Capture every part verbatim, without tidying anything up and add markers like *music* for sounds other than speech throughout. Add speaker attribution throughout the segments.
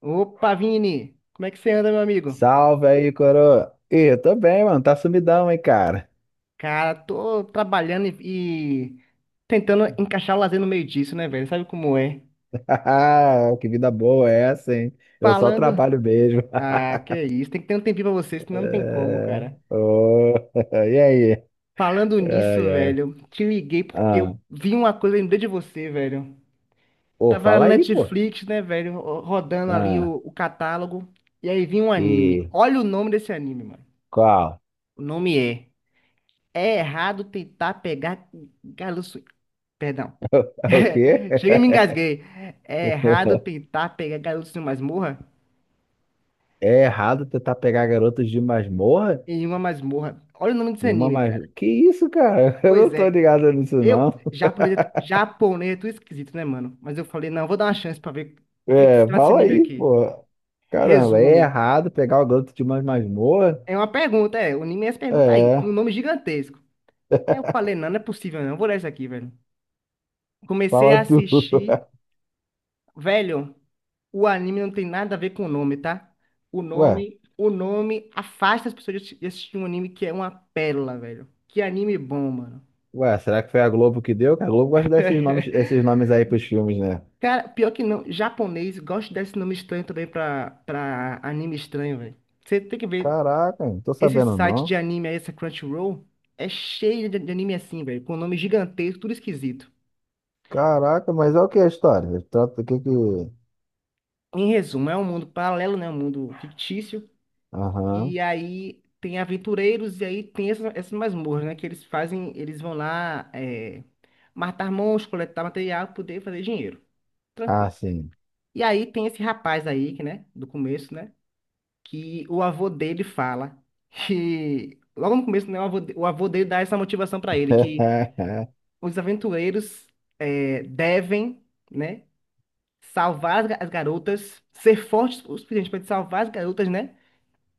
Speaker 1: Opa, Vini! Como é que você anda, meu amigo?
Speaker 2: Salve aí, coroa. Ih, eu tô bem, mano. Tá sumidão, hein, cara.
Speaker 1: Cara, tô trabalhando e, e tentando encaixar o lazer no meio disso, né, velho? Sabe como é?
Speaker 2: *laughs* Que vida boa é essa, hein? Eu só
Speaker 1: Falando.
Speaker 2: trabalho mesmo.
Speaker 1: Ah,
Speaker 2: *laughs*
Speaker 1: que é isso, tem que ter um tempinho pra você, senão não tem como,
Speaker 2: É,
Speaker 1: cara.
Speaker 2: ô, *laughs* E aí?
Speaker 1: Falando
Speaker 2: Ai,
Speaker 1: nisso,
Speaker 2: ai.
Speaker 1: velho, te liguei porque eu
Speaker 2: Ah,
Speaker 1: vi uma coisa, e lembrei de você, velho.
Speaker 2: pô,
Speaker 1: Tava na
Speaker 2: fala aí, pô.
Speaker 1: Netflix, né, velho, ro- rodando ali
Speaker 2: Ah,
Speaker 1: o, o catálogo, e aí vi um anime.
Speaker 2: e
Speaker 1: Olha o nome desse anime, mano.
Speaker 2: qual?
Speaker 1: O nome é É Errado Tentar Pegar Garoto. Perdão.
Speaker 2: *laughs* O quê?
Speaker 1: *laughs* Cheguei e me engasguei. É errado tentar pegar garotos em uma masmorra?
Speaker 2: É errado tentar pegar garotos de masmorra?
Speaker 1: Em uma masmorra. Olha o nome desse
Speaker 2: De uma
Speaker 1: anime,
Speaker 2: mas...
Speaker 1: cara.
Speaker 2: Que isso, cara? *laughs* Eu
Speaker 1: Pois
Speaker 2: não tô
Speaker 1: é.
Speaker 2: ligado nisso, não.
Speaker 1: Eu, japonês, japonês é tudo esquisito, né, mano? Mas eu falei, não, vou dar uma chance pra ver do que que se
Speaker 2: É,
Speaker 1: trata esse
Speaker 2: fala
Speaker 1: anime
Speaker 2: aí,
Speaker 1: aqui.
Speaker 2: pô. Caramba, é
Speaker 1: Resumo.
Speaker 2: errado pegar o garoto de uma masmorra?
Speaker 1: É uma pergunta, é. O anime é essa pergunta aí. Um
Speaker 2: É,
Speaker 1: nome gigantesco. Aí eu falei, não, não é possível, não. Eu vou ler isso aqui, velho. Comecei
Speaker 2: fala
Speaker 1: a
Speaker 2: tu.
Speaker 1: assistir.
Speaker 2: *laughs*
Speaker 1: Velho, o anime não tem nada a ver com o nome, tá? O
Speaker 2: Ué,
Speaker 1: nome, o nome afasta as pessoas de assi- de assistir um anime que é uma pérola, velho. Que anime bom, mano.
Speaker 2: ué, será que foi a Globo que deu? Que a Globo gosta desses nomes,
Speaker 1: *laughs*
Speaker 2: esses nomes aí pros filmes, né?
Speaker 1: Cara, pior que não, japonês gosta desse nome estranho também pra, pra anime estranho, velho. Você tem que ver,
Speaker 2: Caraca, não tô
Speaker 1: esse
Speaker 2: sabendo
Speaker 1: site de
Speaker 2: não.
Speaker 1: anime aí, essa Crunchyroll, é cheio de, de anime assim, velho, com nome gigantesco, tudo esquisito.
Speaker 2: Caraca, mas é o que a história? Trata o que que...
Speaker 1: Em resumo, é um mundo paralelo, né? Um mundo fictício.
Speaker 2: Aham.
Speaker 1: E aí tem aventureiros e aí tem essas, essas masmorras, né? Que eles fazem, eles vão lá é, matar monstros, coletar material, poder fazer dinheiro.
Speaker 2: Ah,
Speaker 1: Tranquilo.
Speaker 2: sim.
Speaker 1: E aí tem esse rapaz aí, que, né? Do começo, né? Que o avô dele fala que... *laughs* Logo no começo, né? O avô, de- o avô dele dá essa motivação pra ele, que
Speaker 2: *laughs*
Speaker 1: os aventureiros é, devem, né? Salvar as ga- as garotas, ser fortes o suficiente para salvar as garotas, né?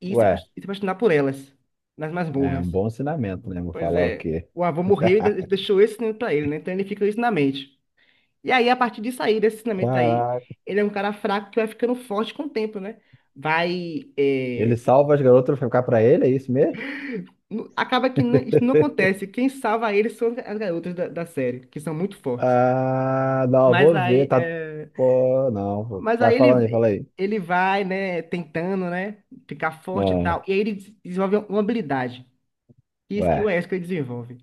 Speaker 1: E se
Speaker 2: Ué,
Speaker 1: apos- e se apaixonar por elas nas
Speaker 2: é um
Speaker 1: masmorras.
Speaker 2: bom ensinamento, né? Vou
Speaker 1: Pois
Speaker 2: falar o
Speaker 1: é,
Speaker 2: quê?
Speaker 1: o avô morreu e de-
Speaker 2: *laughs*
Speaker 1: deixou esse ensinamento pra ele, né? Então ele fica com isso na mente. E aí, a partir disso aí, desse ensinamento aí,
Speaker 2: Caraca.
Speaker 1: ele é um cara fraco que vai ficando forte com o tempo, né? Vai.
Speaker 2: Ele
Speaker 1: é,
Speaker 2: salva as garotas pra ficar pra ele, é isso mesmo?
Speaker 1: nu- Acaba que não- isso não
Speaker 2: *laughs*
Speaker 1: acontece. Quem salva ele são as garotas da, da série, que são muito fortes.
Speaker 2: Ah, não, eu
Speaker 1: Mas
Speaker 2: vou
Speaker 1: aí,
Speaker 2: ver, tá...
Speaker 1: é,
Speaker 2: Pô, não.
Speaker 1: mas
Speaker 2: Vai
Speaker 1: aí
Speaker 2: falando aí,
Speaker 1: ele,
Speaker 2: fala aí.
Speaker 1: ele vai, né, tentando, né, ficar forte e tal.
Speaker 2: Ah,
Speaker 1: E aí ele des- desenvolve uma habilidade. E isso que o
Speaker 2: ué,
Speaker 1: Wesker desenvolve.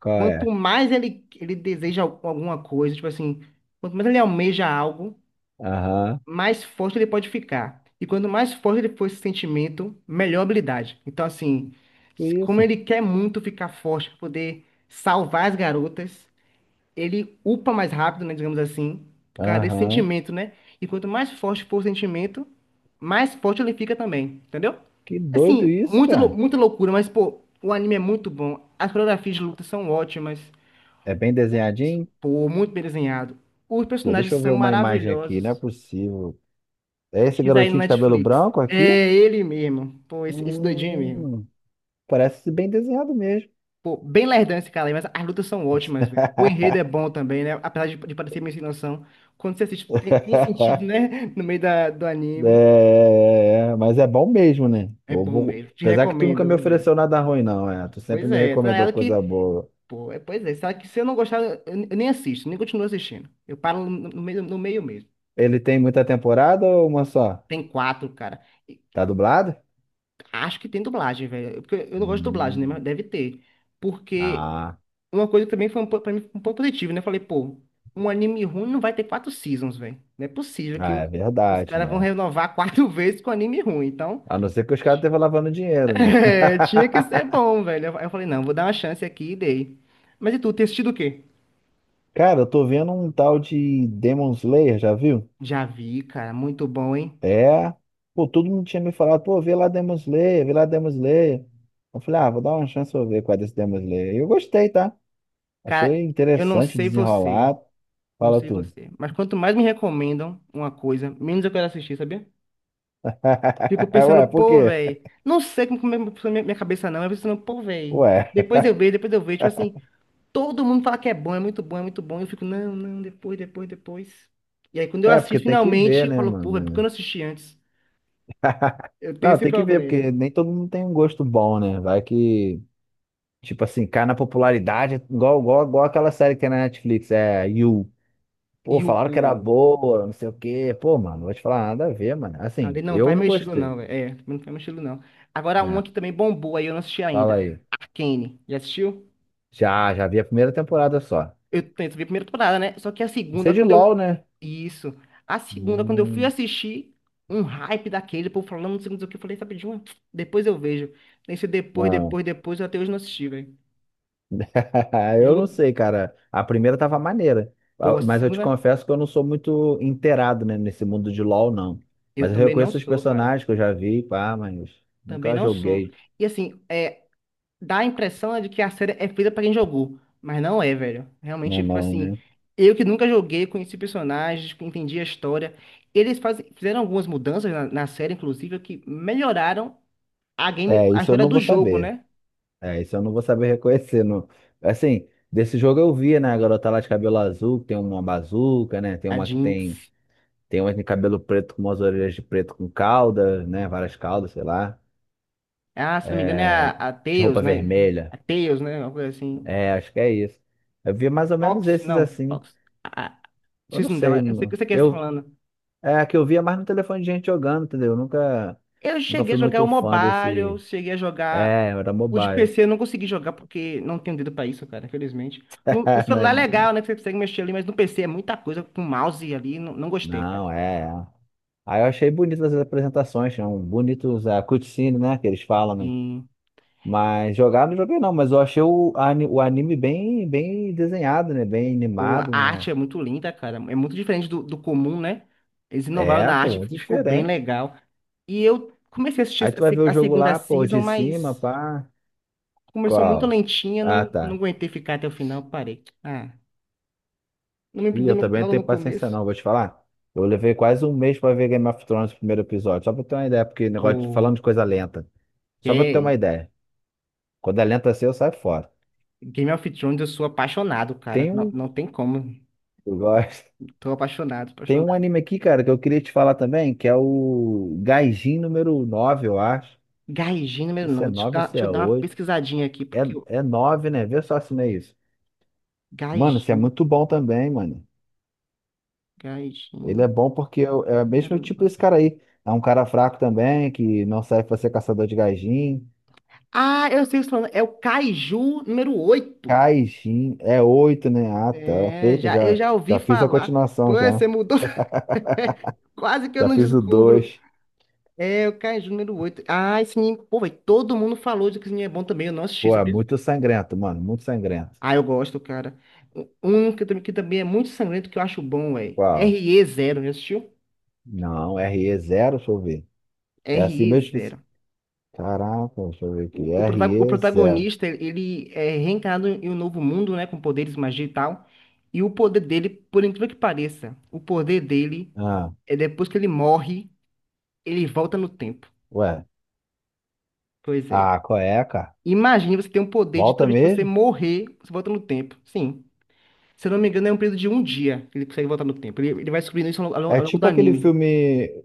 Speaker 2: qual
Speaker 1: Quanto
Speaker 2: é?
Speaker 1: mais ele, ele deseja al- alguma coisa, tipo assim, quanto mais ele almeja algo,
Speaker 2: Aham,
Speaker 1: mais forte ele pode ficar. E quanto mais forte ele for esse sentimento, melhor a habilidade. Então, assim,
Speaker 2: que
Speaker 1: se- como
Speaker 2: isso.
Speaker 1: ele quer muito ficar forte para poder salvar as garotas, ele upa mais rápido, né, digamos assim, por causa desse
Speaker 2: Aham,
Speaker 1: sentimento, né? E quanto mais forte for o sentimento, mais forte ele fica também, entendeu?
Speaker 2: que doido
Speaker 1: Assim,
Speaker 2: isso,
Speaker 1: muito, lou-
Speaker 2: cara.
Speaker 1: muita loucura, mas, pô, o anime é muito bom. As coreografias de luta são ótimas.
Speaker 2: É bem desenhadinho?
Speaker 1: Pô, muito bem desenhado. Os
Speaker 2: Pô,
Speaker 1: personagens
Speaker 2: deixa eu
Speaker 1: são
Speaker 2: ver uma imagem aqui, não é
Speaker 1: maravilhosos.
Speaker 2: possível. É esse
Speaker 1: Pesquisa aí no
Speaker 2: garotinho de cabelo
Speaker 1: Netflix.
Speaker 2: branco aqui?
Speaker 1: É ele mesmo. Pô, esse, esse doidinho mesmo.
Speaker 2: Hum, Parece bem desenhado mesmo.
Speaker 1: Pô, bem lerdão esse cara aí, mas as lutas são ótimas, velho. O enredo é bom também, né? Apesar de, de parecer meio sem noção. Quando você assiste, tem, tem
Speaker 2: *laughs*
Speaker 1: sentido, né? *laughs* No meio da, do anime.
Speaker 2: É, é, mas é bom mesmo, né?
Speaker 1: É
Speaker 2: Eu
Speaker 1: bom
Speaker 2: vou-
Speaker 1: mesmo. Te
Speaker 2: Apesar que tu nunca
Speaker 1: recomendo,
Speaker 2: me
Speaker 1: velho.
Speaker 2: ofereceu nada ruim, não, é. Tu sempre
Speaker 1: Pois
Speaker 2: me
Speaker 1: é, tá
Speaker 2: recomendou
Speaker 1: ligado
Speaker 2: coisa
Speaker 1: que.
Speaker 2: boa.
Speaker 1: Pô, é, pois é. Sabe que se eu não gostar, eu, eu nem assisto, nem continuo assistindo. Eu paro no, no meio, no meio mesmo.
Speaker 2: Ele tem muita temporada ou uma só?
Speaker 1: Tem quatro, cara.
Speaker 2: Tá dublado?
Speaker 1: Acho que tem dublagem, velho. É porque eu não gosto de dublagem, né?
Speaker 2: Hum,
Speaker 1: Mas deve ter. Porque
Speaker 2: Ah,
Speaker 1: uma coisa que também foi um, po- pra mim foi um ponto positivo, né? Eu falei, pô, um anime ruim não vai ter quatro seasons, velho. Não é possível que
Speaker 2: ah,
Speaker 1: o-
Speaker 2: é
Speaker 1: os
Speaker 2: verdade,
Speaker 1: caras vão
Speaker 2: né?
Speaker 1: renovar quatro *laughs* vezes com anime ruim. Então,
Speaker 2: A não ser que os caras estejam lavando
Speaker 1: *laughs*
Speaker 2: dinheiro, né?
Speaker 1: é, tinha que ser bom, velho. Aí eu falei, não, vou dar uma chance aqui e dei. Mas e tu, tem assistido o quê?
Speaker 2: *laughs* Cara, eu tô vendo um tal de Demon Slayer, já viu?
Speaker 1: Já vi, cara. Muito bom, hein?
Speaker 2: É. Pô, todo mundo tinha me falado, pô, vê lá Demon Slayer, vê lá Demon Slayer. Eu falei, ah, vou dar uma chance pra eu ver qual é desse Demon Slayer. E eu gostei, tá?
Speaker 1: Cara,
Speaker 2: Achei
Speaker 1: eu não
Speaker 2: interessante
Speaker 1: sei você.
Speaker 2: desenrolar.
Speaker 1: Não
Speaker 2: Fala
Speaker 1: sei
Speaker 2: tudo.
Speaker 1: você. Mas quanto mais me recomendam uma coisa, menos eu quero assistir, sabia? Fico
Speaker 2: *laughs*
Speaker 1: pensando,
Speaker 2: Ué, por
Speaker 1: pô,
Speaker 2: quê?
Speaker 1: velho. Não sei como como é minha minha cabeça não. Eu fico pensando, pô, velho.
Speaker 2: Ué,
Speaker 1: Depois eu vejo, depois eu vejo. Tipo assim, todo mundo fala que é bom, é muito bom, é muito bom. Eu fico, não, não, depois, depois, depois. E aí, quando eu
Speaker 2: é porque
Speaker 1: assisto
Speaker 2: tem que
Speaker 1: finalmente,
Speaker 2: ver,
Speaker 1: eu
Speaker 2: né,
Speaker 1: falo, pô, velho, por que eu
Speaker 2: mano?
Speaker 1: não assisti antes? Eu tenho
Speaker 2: Não,
Speaker 1: esse
Speaker 2: tem que ver, porque
Speaker 1: problema.
Speaker 2: nem todo mundo tem um gosto bom, né? Vai que, tipo assim, cai na popularidade, igual, igual, igual aquela série que tem na Netflix, é You. Pô,
Speaker 1: E o,
Speaker 2: falaram que era
Speaker 1: pô,
Speaker 2: boa, não sei o quê. Pô, mano, não vou te falar nada a ver, mano. Assim,
Speaker 1: ali não
Speaker 2: eu
Speaker 1: faz
Speaker 2: não
Speaker 1: meu estilo, não,
Speaker 2: gostei,
Speaker 1: velho. É, não faz meu estilo, não. Agora, uma
Speaker 2: né?
Speaker 1: que também bombou aí, eu não assisti
Speaker 2: Fala
Speaker 1: ainda.
Speaker 2: aí.
Speaker 1: Arcane. Já assistiu?
Speaker 2: Já, já vi a primeira temporada só.
Speaker 1: Eu tento ver a primeira temporada, né? Só que a
Speaker 2: Isso é
Speaker 1: segunda,
Speaker 2: de
Speaker 1: quando
Speaker 2: LOL,
Speaker 1: eu.
Speaker 2: né?
Speaker 1: Isso. A segunda, quando eu fui
Speaker 2: Hum,
Speaker 1: assistir, um hype daquele, por falando, não sei o que, eu falei, sabe de uma? Depois eu vejo. Nesse depois,
Speaker 2: não.
Speaker 1: depois, depois, eu até hoje não assisti, velho.
Speaker 2: *laughs* Eu não
Speaker 1: Juro.
Speaker 2: sei, cara. A primeira tava maneira.
Speaker 1: Pô,
Speaker 2: Ah,
Speaker 1: a
Speaker 2: mas eu te
Speaker 1: segunda,
Speaker 2: confesso que eu não sou muito inteirado, né, nesse mundo de LOL, não.
Speaker 1: eu
Speaker 2: Mas eu
Speaker 1: também não
Speaker 2: reconheço os
Speaker 1: sou, cara.
Speaker 2: personagens que eu já vi, pá, mas
Speaker 1: Também
Speaker 2: nunca
Speaker 1: não sou.
Speaker 2: joguei
Speaker 1: E assim, é, dá a impressão, né, de que a série é feita pra quem jogou. Mas não é, velho. Realmente,
Speaker 2: na
Speaker 1: tipo
Speaker 2: mão,
Speaker 1: assim,
Speaker 2: né?
Speaker 1: eu que nunca joguei, conheci personagens, entendi a história. Eles fazem, fizeram algumas mudanças na, na série, inclusive, que melhoraram a game,
Speaker 2: É,
Speaker 1: a
Speaker 2: isso eu
Speaker 1: história
Speaker 2: não
Speaker 1: do
Speaker 2: vou
Speaker 1: jogo,
Speaker 2: saber.
Speaker 1: né?
Speaker 2: É, isso eu não vou saber reconhecer. Não. Assim, desse jogo eu via, né? A garota lá de cabelo azul, que tem uma bazuca, né? Tem
Speaker 1: A
Speaker 2: uma que tem.
Speaker 1: Jinx.
Speaker 2: Tem uma que tem cabelo preto com umas orelhas de preto com cauda, né? Várias caudas, sei lá.
Speaker 1: Ah, se não me engano, é a,
Speaker 2: É,
Speaker 1: a
Speaker 2: de
Speaker 1: Tails,
Speaker 2: roupa
Speaker 1: né?
Speaker 2: vermelha.
Speaker 1: A Tails, né? Uma coisa assim.
Speaker 2: É, acho que é isso. Eu via mais ou menos
Speaker 1: Fox,
Speaker 2: esses
Speaker 1: não,
Speaker 2: assim.
Speaker 1: Fox. A, a-
Speaker 2: Eu
Speaker 1: Esqueci
Speaker 2: não
Speaker 1: o nome
Speaker 2: sei.
Speaker 1: dela. Eu sei, eu
Speaker 2: não-
Speaker 1: sei quem você tá
Speaker 2: Eu,
Speaker 1: falando.
Speaker 2: é, a que eu via mais no telefone de gente jogando, entendeu? Eu nunca,
Speaker 1: Eu
Speaker 2: nunca
Speaker 1: cheguei a
Speaker 2: fui
Speaker 1: jogar o
Speaker 2: muito fã
Speaker 1: mobile, eu
Speaker 2: desse.
Speaker 1: cheguei a jogar.
Speaker 2: É, era
Speaker 1: O de
Speaker 2: mobile.
Speaker 1: P C eu não consegui jogar porque não tenho dedo pra isso, cara, infelizmente. No, no celular é legal,
Speaker 2: *laughs*
Speaker 1: né? Que você consegue mexer ali, mas no P C é muita coisa com mouse ali. Não, não gostei, cara.
Speaker 2: Não, é. Aí eu achei bonitas as apresentações, são bonitos a cutscene, né, que eles falam, né?
Speaker 1: Sim.
Speaker 2: Mas jogar não joguei não, mas eu achei o, ani- o anime bem, bem desenhado, né? Bem
Speaker 1: O, a
Speaker 2: animado,
Speaker 1: arte
Speaker 2: né?
Speaker 1: é muito linda, cara. É muito diferente do, do comum, né? Eles inovaram
Speaker 2: É,
Speaker 1: na
Speaker 2: pô,
Speaker 1: arte
Speaker 2: muito
Speaker 1: e ficou bem
Speaker 2: diferente.
Speaker 1: legal. E eu comecei a assistir
Speaker 2: Aí
Speaker 1: a,
Speaker 2: tu vai ver
Speaker 1: se-
Speaker 2: o
Speaker 1: a
Speaker 2: jogo
Speaker 1: segunda
Speaker 2: lá, pô,
Speaker 1: season,
Speaker 2: de cima,
Speaker 1: mas
Speaker 2: pá.
Speaker 1: começou muito
Speaker 2: Qual?
Speaker 1: lentinha,
Speaker 2: Ah,
Speaker 1: não, não
Speaker 2: tá.
Speaker 1: aguentei ficar até o final, parei. Ah, não me
Speaker 2: Ih,
Speaker 1: prendeu
Speaker 2: eu
Speaker 1: no-
Speaker 2: também não
Speaker 1: logo no
Speaker 2: tenho paciência
Speaker 1: começo.
Speaker 2: não, vou te falar. Eu levei quase um mês pra ver Game of Thrones, o primeiro episódio, só pra ter uma ideia, porque negócio de, falando de
Speaker 1: O
Speaker 2: coisa lenta. Só pra ter uma
Speaker 1: que
Speaker 2: ideia. Quando é lenta assim, eu saio fora.
Speaker 1: Game of Thrones, eu sou apaixonado, cara.
Speaker 2: Tem
Speaker 1: Não,
Speaker 2: um...
Speaker 1: não tem como.
Speaker 2: Eu gosto.
Speaker 1: Tô apaixonado,
Speaker 2: Tem um
Speaker 1: apaixonado.
Speaker 2: anime aqui, cara, que eu queria te falar também, que é o Gaijin número nove, eu acho.
Speaker 1: Gaijin
Speaker 2: Não sei
Speaker 1: número
Speaker 2: se é
Speaker 1: nove. Deixa eu
Speaker 2: nove ou
Speaker 1: dar,
Speaker 2: se
Speaker 1: deixa eu
Speaker 2: é
Speaker 1: dar uma
Speaker 2: oito.
Speaker 1: pesquisadinha aqui,
Speaker 2: É,
Speaker 1: porque o
Speaker 2: é nove, né? Vê só se não é isso. Mano, esse é
Speaker 1: Gaijin,
Speaker 2: muito bom também, mano.
Speaker 1: Gaijin
Speaker 2: Ele é bom porque é o é o mesmo
Speaker 1: número
Speaker 2: tipo desse
Speaker 1: nove.
Speaker 2: cara aí. É um cara fraco também, que não serve pra ser caçador de Gaijin.
Speaker 1: Ah, eu sei o que você tá falando. É o Kaiju número oito.
Speaker 2: Gaijin é oito, né? Ah, tá.
Speaker 1: É,
Speaker 2: Feita,
Speaker 1: já, eu
Speaker 2: já,
Speaker 1: já ouvi
Speaker 2: já fiz a
Speaker 1: falar. Pô,
Speaker 2: continuação, já.
Speaker 1: você mudou. *laughs* Quase que eu
Speaker 2: Já
Speaker 1: não
Speaker 2: fiz o
Speaker 1: descubro.
Speaker 2: dois.
Speaker 1: É, o Kaiju número oito. Ah, esse anime. Pô, velho, todo mundo falou de que esse anime é bom também. Eu não assisti,
Speaker 2: Pô, é
Speaker 1: sabia?
Speaker 2: muito sangrento, mano. Muito sangrento.
Speaker 1: Ah, eu gosto, cara. Um que, também que também é muito sangrento que eu acho bom, velho.
Speaker 2: Qual?
Speaker 1: Re zero, já assistiu?
Speaker 2: Não, re zero, deixa eu ver. É assim
Speaker 1: Re
Speaker 2: mesmo que
Speaker 1: zero.
Speaker 2: se... Caraca, deixa eu ver
Speaker 1: O,
Speaker 2: aqui.
Speaker 1: o
Speaker 2: R
Speaker 1: protago- o
Speaker 2: e zero.
Speaker 1: protagonista, ele é reencarnado em um novo mundo, né? Com poderes, magia e tal. E o poder dele, por incrível que pareça, o poder dele
Speaker 2: Ah,
Speaker 1: é depois que ele morre, ele volta no tempo.
Speaker 2: ué.
Speaker 1: Pois é.
Speaker 2: Ah, qual é, cara?
Speaker 1: Imagine você ter um poder de toda
Speaker 2: Volta
Speaker 1: vez que você
Speaker 2: mesmo?
Speaker 1: morrer, você volta no tempo. Sim. Se eu não me engano, é um período de um dia que ele consegue voltar no tempo. Ele, ele vai descobrindo isso ao, longo
Speaker 2: É
Speaker 1: ao longo do
Speaker 2: tipo aquele
Speaker 1: anime.
Speaker 2: filme.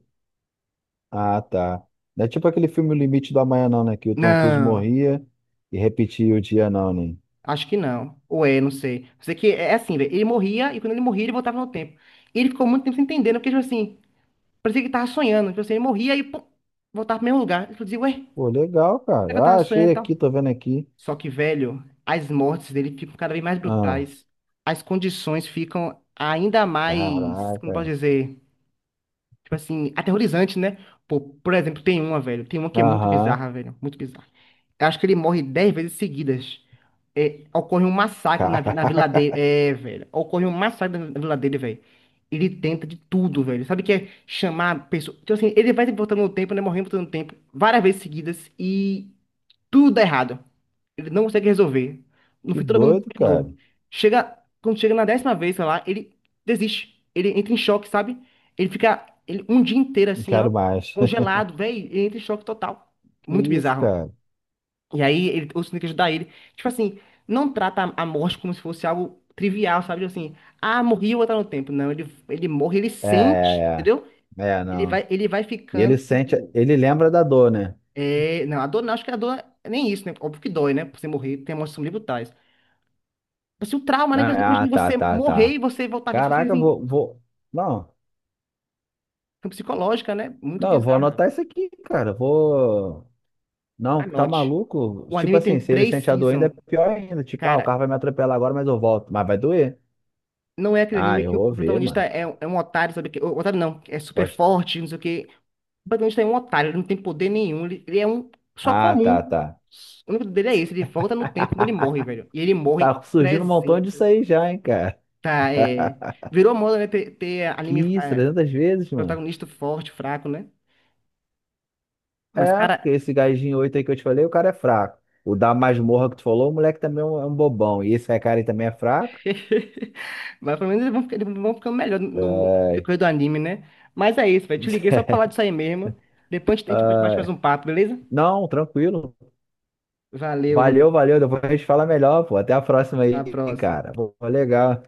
Speaker 2: Ah, tá. Não é tipo aquele filme O Limite do Amanhã, não, né? Que o Tom Cruise
Speaker 1: Não,
Speaker 2: morria e repetia o dia, não, né?
Speaker 1: acho que não. Ou é, não sei. Sei que é assim, velho. Ele morria e quando ele morria, ele voltava no tempo. E ele ficou muito tempo sem entender, né? Porque, tipo assim. Parecia que tava sonhando. Tipo assim, ele morria e pum, voltava pro mesmo lugar. Eu dizia, ué, será
Speaker 2: Pô, legal,
Speaker 1: que eu
Speaker 2: cara. Ah,
Speaker 1: tava
Speaker 2: achei
Speaker 1: sonhando e tal?
Speaker 2: aqui, tô vendo aqui.
Speaker 1: Só que, velho, as mortes dele ficam cada vez mais
Speaker 2: Ah,
Speaker 1: brutais. As condições ficam ainda mais, como posso
Speaker 2: caraca.
Speaker 1: dizer, tipo assim, aterrorizantes, né? Pô, por exemplo, tem uma, velho. Tem uma que é muito
Speaker 2: Aham.
Speaker 1: bizarra, velho. Muito bizarra. Eu acho que ele morre dez vezes seguidas. É, ocorre um massacre na, vi- na vila
Speaker 2: Caraca.
Speaker 1: dele.
Speaker 2: *laughs*
Speaker 1: É, velho. Ocorre um massacre na, na vila dele, velho. Ele tenta de tudo, velho. Sabe o que é chamar pessoas. Então, assim, ele vai voltando no tempo, né? Morrendo voltando no tempo, várias vezes seguidas e tudo dá errado. Ele não consegue resolver. No
Speaker 2: Que
Speaker 1: fim, todo mundo
Speaker 2: doido,
Speaker 1: morre de
Speaker 2: cara.
Speaker 1: novo. Chega, Quando chega na décima vez, sei lá, ele desiste. Ele entra em choque, sabe? Ele fica ele, um dia inteiro
Speaker 2: Não
Speaker 1: assim, ó,
Speaker 2: quero mais. *laughs*
Speaker 1: congelado, velho. Ele entra em choque total.
Speaker 2: Que
Speaker 1: Muito
Speaker 2: isso,
Speaker 1: bizarro.
Speaker 2: cara?
Speaker 1: E aí ele, o Sonic ajudar ele. Tipo assim, não trata a a morte como se fosse algo trivial, sabe? Tipo assim, ah, morri, eu vou voltar no tempo. Não, ele, ele, morre, ele
Speaker 2: É,
Speaker 1: sente,
Speaker 2: é,
Speaker 1: entendeu?
Speaker 2: é. É,
Speaker 1: Ele
Speaker 2: não.
Speaker 1: vai, ele vai
Speaker 2: E
Speaker 1: ficando.
Speaker 2: ele sente, ele lembra da dor, né?
Speaker 1: É, não, a dor não, acho que a dor é nem isso, né? Óbvio que dói, né? Você morrer, tem emoções são brutais. Mas assim, o trauma, né?
Speaker 2: Ah, ah,
Speaker 1: Imagina
Speaker 2: tá,
Speaker 1: você
Speaker 2: tá,
Speaker 1: morrer
Speaker 2: tá.
Speaker 1: e você voltar vivo vida, você
Speaker 2: Caraca,
Speaker 1: assim,
Speaker 2: vou, vou. Não,
Speaker 1: é psicológica, né? Muito
Speaker 2: não, eu vou
Speaker 1: bizarra.
Speaker 2: anotar isso aqui, cara. Vou. Não, tá
Speaker 1: Anote.
Speaker 2: maluco?
Speaker 1: O
Speaker 2: Tipo
Speaker 1: anime
Speaker 2: assim,
Speaker 1: tem
Speaker 2: se ele
Speaker 1: três
Speaker 2: sente a dor ainda, é
Speaker 1: seasons.
Speaker 2: pior ainda. Tipo, ah, o
Speaker 1: Cara,
Speaker 2: carro vai me atropelar agora, mas eu volto. Mas vai doer.
Speaker 1: não é aquele
Speaker 2: Ah,
Speaker 1: anime
Speaker 2: eu
Speaker 1: que o
Speaker 2: vou
Speaker 1: o
Speaker 2: ver,
Speaker 1: protagonista
Speaker 2: mano.
Speaker 1: é, um é um otário, sabe? Que- O otário não, é super
Speaker 2: Pode...
Speaker 1: forte, não sei o quê. Protagonista é um otário, ele não tem poder nenhum, ele, ele, é um só
Speaker 2: Ah, tá,
Speaker 1: comum.
Speaker 2: tá.
Speaker 1: O único dele é esse, ele volta no tempo quando ele morre, velho. E ele morre
Speaker 2: Tá surgindo um montão disso
Speaker 1: trezentas.
Speaker 2: aí já, hein, cara.
Speaker 1: Tá, é. Virou moda, né? Ter, ter
Speaker 2: Que
Speaker 1: anime
Speaker 2: isso,
Speaker 1: é,
Speaker 2: trezentas vezes, mano.
Speaker 1: protagonista forte, fraco, né? Mas,
Speaker 2: É,
Speaker 1: cara.
Speaker 2: porque esse gajinho oito aí que eu te falei, o cara é fraco. O da masmorra que tu falou, o moleque também é um é um bobão. E esse cara aí também é fraco.
Speaker 1: *laughs* Mas pelo menos eles vão, ficar- eles vão ficando melhor no
Speaker 2: É.
Speaker 1: decorrer do anime, né? Mas é isso, velho. Te liguei só pra falar disso aí mesmo. Depois a gente
Speaker 2: *laughs*
Speaker 1: bate mais um papo, beleza?
Speaker 2: Não, tranquilo.
Speaker 1: Valeu, Vini.
Speaker 2: Valeu, valeu. Depois a gente fala melhor, pô. Até a próxima
Speaker 1: Até a
Speaker 2: aí,
Speaker 1: próxima.
Speaker 2: cara. Pô, legal.